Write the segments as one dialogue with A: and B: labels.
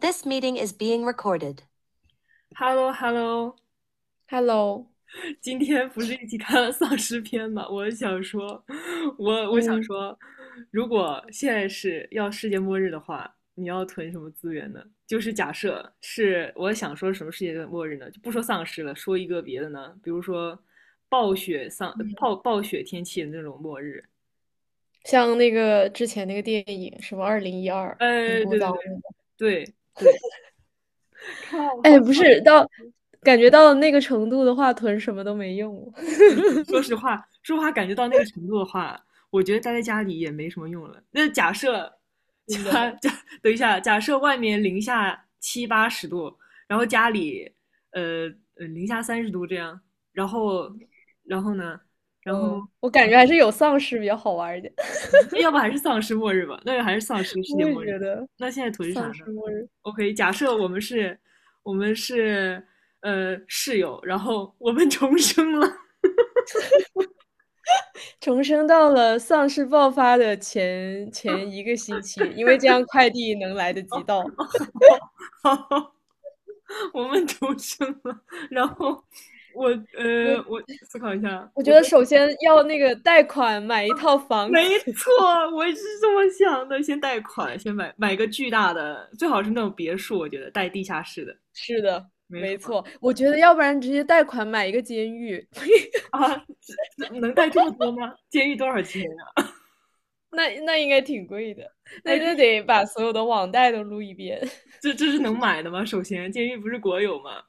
A: This meeting is being recorded.
B: h e l l o h e l l o
A: Hello，
B: 今天不是一起看了丧尸片吗？我想说，我我想
A: 嗯
B: 说，如果现在是要世界末日的话，你要囤什么资源呢？就是假设是我想说什么世界末日呢？就不说丧尸了，说一个别的呢，比如说暴雪丧
A: 嗯，
B: 暴暴雪天气的那种末日。
A: 像那个之前那个电影什么2012，很
B: 哎，对
A: 古
B: 对
A: 早
B: 对
A: 那个。
B: 对对，靠，我好
A: 哎，
B: 想
A: 不是，感觉到那个程度的话，囤什么都没用了。
B: 确实，说 实话，感觉到那个程度的话，我觉得待在家里也没什么用了。那假设，
A: 真的，
B: 假假，等一下，假设外面零下七八十度，然后家里，呃零下30度这样，然后，然后呢，然后，
A: 嗯，我感觉还是有丧尸比较好玩儿一点。
B: 要不还是丧尸末日吧？那就还是丧尸 世界
A: 我也
B: 末
A: 觉
B: 日。
A: 得
B: 那现在图是啥
A: 丧
B: 呢
A: 尸末日
B: ？OK，假设我们是，我们是，室友，然后我们重生了。
A: 重生到了丧尸爆发的前一个星期，因为这样快递能来得及到。
B: 我们独生了，然后
A: 我
B: 我思考一下，
A: 我
B: 我
A: 觉得
B: 觉得
A: 首先要那个贷款买一套房子。
B: 没错，我也是这么想的。先贷款，先买个巨大的，最好是那种别墅，我觉得带地下室的，
A: 是的，
B: 没错。
A: 没错。我觉得要不然直接贷款买一个监狱。
B: 啊，这能贷这么多吗？监狱多少钱啊？
A: 那应该挺贵的，
B: 哎，
A: 那
B: 这
A: 那得把所有的网贷都撸一遍。
B: 这这是能买的吗？首先，监狱不是国有吗？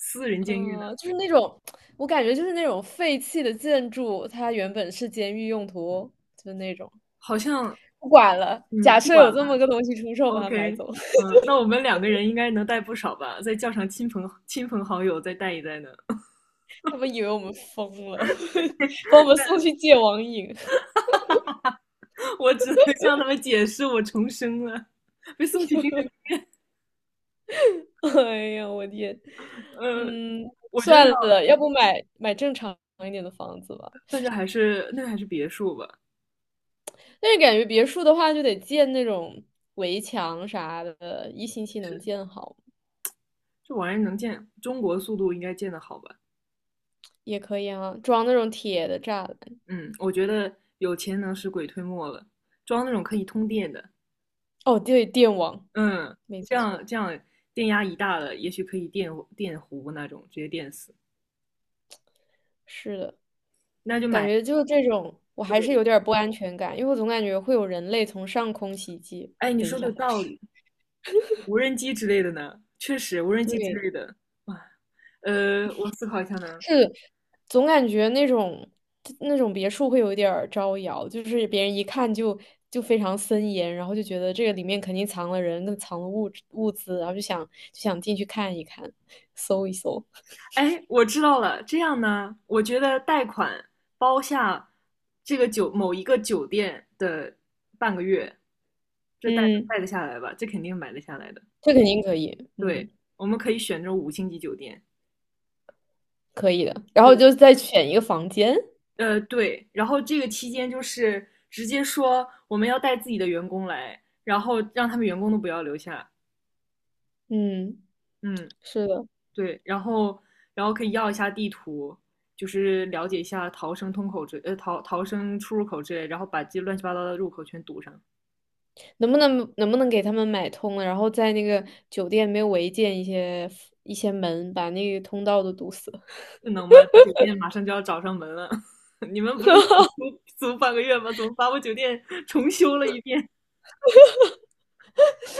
B: 私人监狱呢？
A: 嗯，就是那种，我感觉就是那种废弃的建筑，它原本是监狱用途，就那种。
B: 好像，
A: 不管了，
B: 嗯，
A: 假
B: 不
A: 设
B: 管
A: 有
B: 了。
A: 这么个东西出售，把它买
B: OK，
A: 走。
B: 嗯，那我们两个人应该能贷不少吧？再叫上亲朋好友再带一贷呢。
A: 他们以为我们疯了，把我们送去戒网瘾。
B: 我只能向他们解释我重生了，被送去精神。
A: 哎呀，我天，
B: 呃，
A: 嗯，
B: 我觉得
A: 算
B: 要，
A: 了，要不买正常一点的房子吧。
B: 那就还是别墅吧，
A: 但是感觉别墅的话，就得建那种围墙啥的，一星期能建好
B: 这玩意儿能建，中国速度应该建的好吧？
A: 也可以啊，装那种铁的栅栏。
B: 嗯，我觉得有钱能使鬼推磨了，装那种可以通电的，
A: 哦，对，电网，
B: 嗯，
A: 没
B: 这
A: 错，
B: 样这样电压一大了，也许可以电弧那种，直接电死。
A: 是的，
B: 那就
A: 感
B: 买
A: 觉就这种，我还
B: 对
A: 是
B: 的，
A: 有点儿不安全感，因为我总感觉会有人类从上空袭击。
B: 哎，你
A: 等
B: 说
A: 一
B: 的有
A: 下，
B: 道理。无人机之类的呢，确实无人机之
A: 对，
B: 类的，哇，我思考一下呢。
A: 是总感觉那种别墅会有一点儿招摇，就是别人一看就非常森严，然后就觉得这个里面肯定藏了人，跟藏了物资，然后就想进去看一看，搜一搜。
B: 哎，我知道了。这样呢，我觉得贷款包下这个酒某一个酒店的半个月，这贷
A: 嗯，
B: 贷得下来吧？这肯定买得下来的。
A: 这肯定可以，
B: 对，
A: 嗯，
B: 我们可以选这种五星级酒店。
A: 可以的。然后
B: 对，
A: 就再选一个房间，
B: 对。然后这个期间就是直接说我们要带自己的员工来，然后让他们员工都不要留下。
A: 嗯，
B: 嗯，
A: 是的，
B: 对，然后可以要一下地图，就是了解一下逃生出入口之类，然后把这乱七八糟的入口全堵上，
A: 能不能给他们买通了，然后在那个酒店没有违建一些门，把那个通道都堵死。
B: 这能吗？酒店马上就要找上门了，你们不是 租半个月吗？怎么把我酒店 重修了一遍？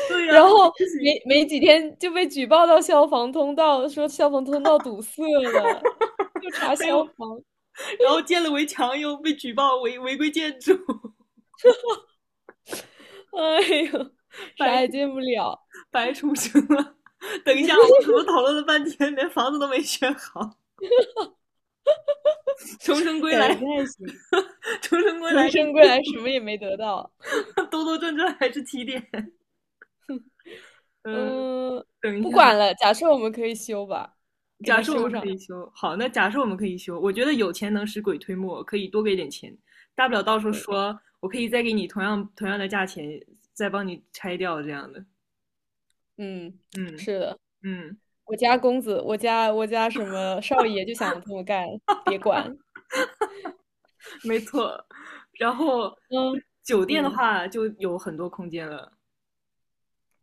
B: 对呀、
A: 然后
B: 不行，
A: 没几天就被举报到消防通道，说消防通道堵塞了，又查
B: 还有
A: 消防，
B: 然后建了围墙又被举报违规建筑，
A: 哎呦，
B: 白
A: 啥也进不了，
B: 白重生了。等一下，我们怎么讨论了半天，连房子都没选好？重生归
A: 感觉不
B: 来，
A: 太行。
B: 重生归来
A: 重生归来什么也没得到，
B: 兜兜转转还是七点。嗯，
A: 嗯，
B: 等一
A: 不
B: 下，
A: 管了。假设我们可以修吧，给
B: 假
A: 它
B: 设我
A: 修
B: 们可
A: 上。
B: 以修好，那假设我们可以修，我觉得有钱能使鬼推磨，可以多给点钱，大不了到时候
A: 对，
B: 说我可以再给你同样的价钱，再帮你拆掉这样的。
A: 嗯，
B: 嗯
A: 是的，
B: 嗯，
A: 我家公子，我家什么少爷就想这么干，别管。
B: 没错。然后
A: 嗯
B: 酒店的
A: 嗯，
B: 话就有很多空间了。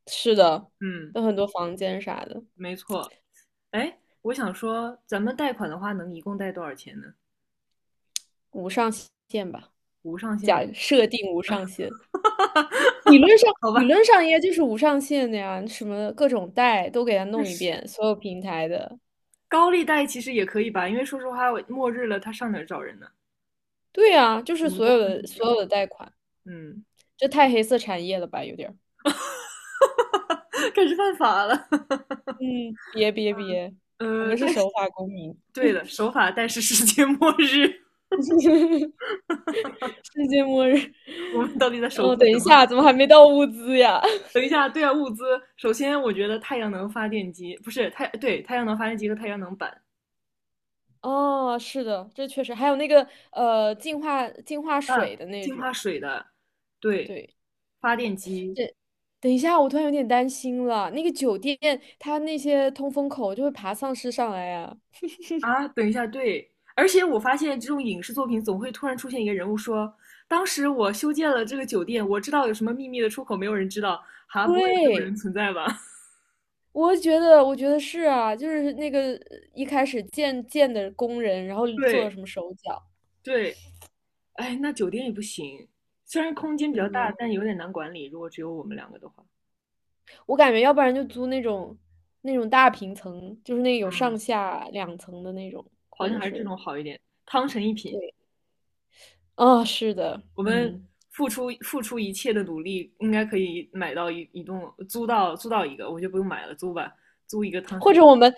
A: 是的，
B: 嗯，
A: 有很多房间啥的。
B: 没错。哎，我想说，咱们贷款的话能一共贷多少钱呢？
A: 无上限吧，
B: 无上限吗？
A: 假设定无上限。理论上，
B: 好
A: 理
B: 吧，
A: 论上应该就是无上限的呀，什么各种贷都给他弄一
B: 确
A: 遍，所有平台的。
B: 高利贷其实也可以吧，因为说实话，末日了，他上哪儿找人呢？
A: 对啊，就
B: 我
A: 是
B: 们都犯抑郁
A: 所
B: 了，
A: 有的贷款，
B: 嗯
A: 这太黑色产业了吧，有点儿。
B: 开始犯法了。
A: 嗯，别别别，我们是
B: 但是
A: 守法公民。
B: 对的，守法但是世界末日，
A: 世界末日。
B: 我们到底在守
A: 哦，
B: 护
A: 等
B: 什
A: 一
B: 么？
A: 下，怎么还没到物资呀？
B: 等一下，对啊，物资，首先我觉得太阳能发电机不是太对，太阳能发电机和太阳能板，
A: 哦，是的，这确实还有那个净化
B: 嗯，
A: 水的那
B: 净化
A: 种，
B: 水的，对，
A: 对。
B: 发电机，
A: 是等一下，我突然有点担心了。那个酒店，它那些通风口就会爬丧尸上来呀、
B: 啊，等一下，对，而且我发现这种影视作品总会突然出现一个人物说，当时我修建了这个酒店，我知道有什么秘密的出口，没有人知道，哈，不会有这种人
A: 对，
B: 存在吧？
A: 我觉得，我觉得是啊，就是那个一开始建的工人，然后做了
B: 对
A: 什么手脚，
B: 对，哎，那酒店也不行，虽然空间比较
A: 嗯，
B: 大，但有点难管理，如果只有我们两个的话，
A: 我感觉要不然就租那种大平层，就是那个有
B: 嗯，
A: 上下两层的那种，
B: 好
A: 或
B: 像
A: 者
B: 还是这
A: 是
B: 种好一点，汤臣一品，
A: 对，啊、是的，
B: 我们
A: 嗯，
B: 付出一切的努力，应该可以买到一栋，租到一个，我就不用买了，租吧，租一个汤
A: 或
B: 臣
A: 者我们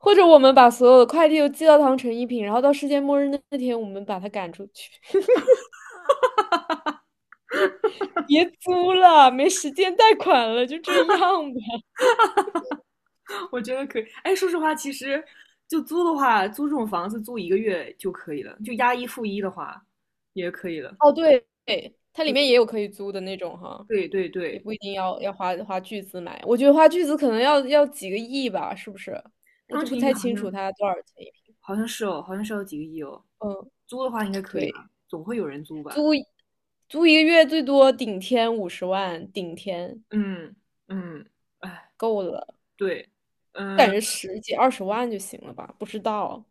A: 或者我们把所有的快递都寄到当成一品，然后到世界末日那天，我们把它赶出去。别租了，没时间贷款了，就这样吧。
B: 我觉得可以。哎，说实话，其实就租的话，租这种房子租一个月就可以了，就押一付一的话也可以了。
A: 哦，对，对，它里面
B: 对
A: 也有可以租的那种哈，
B: 对对
A: 也
B: 对，
A: 不一定要花巨资买。我觉得花巨资可能要几个亿吧，是不是？我
B: 汤
A: 都不
B: 臣一品
A: 太
B: 好
A: 清楚
B: 像
A: 它多少钱一平。
B: 好像是哦，好像是要几个亿哦。
A: 嗯，
B: 租的话应该可以
A: 对，
B: 吧？总会有人租
A: 租
B: 吧？
A: 租一个月最多顶天50万，顶天
B: 嗯嗯，哎，
A: 够了，
B: 对，
A: 感
B: 嗯。
A: 觉十几二十万就行了吧？不知道，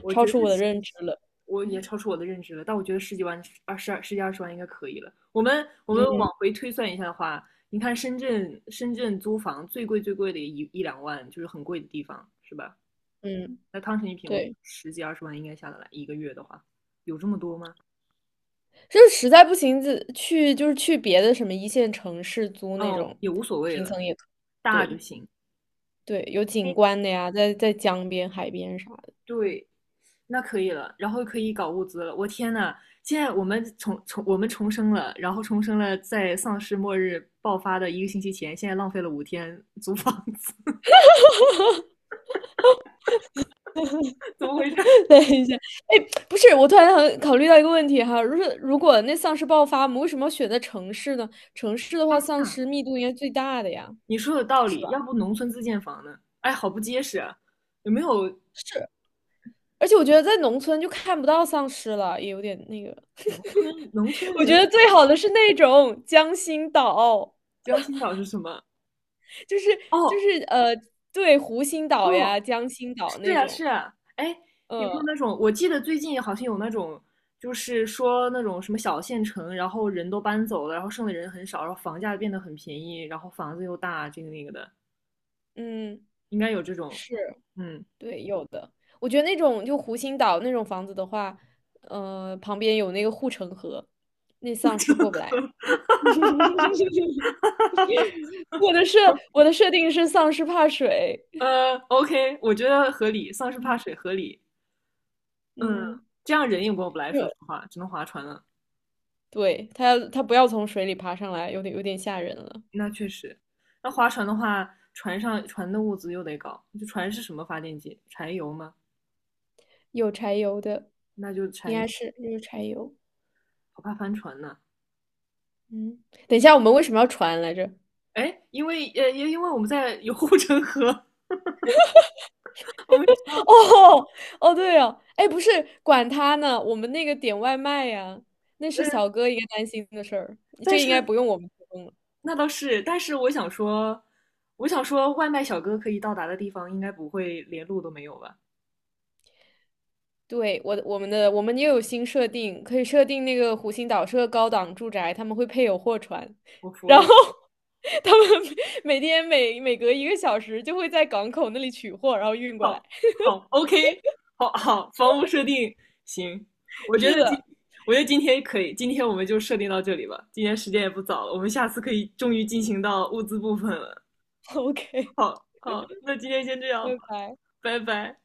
B: 我
A: 超
B: 觉得
A: 出我的
B: 是
A: 认知了。
B: 我也超出我的认知了，但我觉得十几万、二十二、十几二十万应该可以了。我们往回推算一下的话，你看深圳租房最贵的一两万，就是很贵的地方，是吧？
A: 嗯，
B: 那汤臣一品，我
A: 对。
B: 十几二十万应该下得来，一个月的话，有这么多吗？
A: 就是实在不行，就是去别的什么一线城市租那
B: 哦，
A: 种
B: 也无所谓
A: 平
B: 了，
A: 层也可以，
B: 大就
A: 对
B: 行。
A: 对，有
B: 哎
A: 景观的呀，在江边、海边啥的。
B: 对，那可以了，然后可以搞物资了。我天呐，现在我们我们重生了，然后重生了，在丧尸末日爆发的一个星期前，现在浪费了5天租房子，怎么回事？
A: 等一下，哎，不是，我突然很考虑到一个问题哈，如果那丧尸爆发，我们为什么要选在城市呢？城市的
B: 当
A: 话，丧
B: 下
A: 尸密度应该最大的呀，
B: 你说有道
A: 是
B: 理，
A: 吧？
B: 要不农村自建房呢？哎，好不结实啊！有没有
A: 是，而且我觉得在农村就看不到丧尸了，也有点那个。
B: 农村农 村
A: 我觉
B: 人
A: 得最
B: 口？
A: 好的是那种江心岛。
B: 江心岛是什么？
A: 就是就
B: 哦
A: 是呃，对，湖心岛呀、
B: 哦，
A: 江心岛
B: 是
A: 那
B: 呀，
A: 种，
B: 是呀，哎，有没有
A: 嗯
B: 那种？我记得最近好像有那种，就是说那种什么小县城，然后人都搬走了，然后剩的人很少，然后房价变得很便宜，然后房子又大，这个那个的，
A: 嗯，
B: 应该有这种。
A: 是，
B: 嗯，
A: 对，有的。我觉得那种就湖心岛那种房子的话，旁边有那个护城河，那丧尸过不来。我的设我的设定是丧尸怕水，
B: OK，我觉得合理，丧尸怕
A: 嗯
B: 水合理。嗯，
A: 嗯，
B: 这样人也过不来，
A: 因为
B: 说实话，只能划船了。
A: 对，它他不要从水里爬上来，有点吓人了。
B: 那确实，那划船的话，船的物资又得搞，就船是什么发电机？柴油吗？
A: 有柴油的，
B: 那就
A: 应
B: 柴油，
A: 该是有柴油。
B: 不怕翻船呢。
A: 嗯，等一下，我们为什么要船来着？
B: 哎，因为因为我们在有护城河，我们
A: 哦哦，对哦，哎，不是，管他呢，我们那个点外卖呀，那是小哥应该担心的事儿，这
B: 但
A: 个应该
B: 是
A: 不用我们提供了。
B: 那倒是，但是我想说，外卖小哥可以到达的地方，应该不会连路都没有吧？
A: 对，我的我们的我们也有新设定，可以设定那个湖心岛是个高档住宅，他们会配有货船，
B: 我服
A: 然后
B: 了，
A: 他们每天每隔一个小时就会在港口那里取货，然后运过来。
B: 好，好，OK，好好，房屋设定行，我觉
A: 是
B: 得今，
A: 的
B: 我觉得今天可以，今天我们就设定到这里吧，今天时间也不早了，我们下次可以终于进行到物资部分了。
A: ，OK，
B: 好，好，那今天先这
A: 拜
B: 样吧，
A: 拜。
B: 拜拜。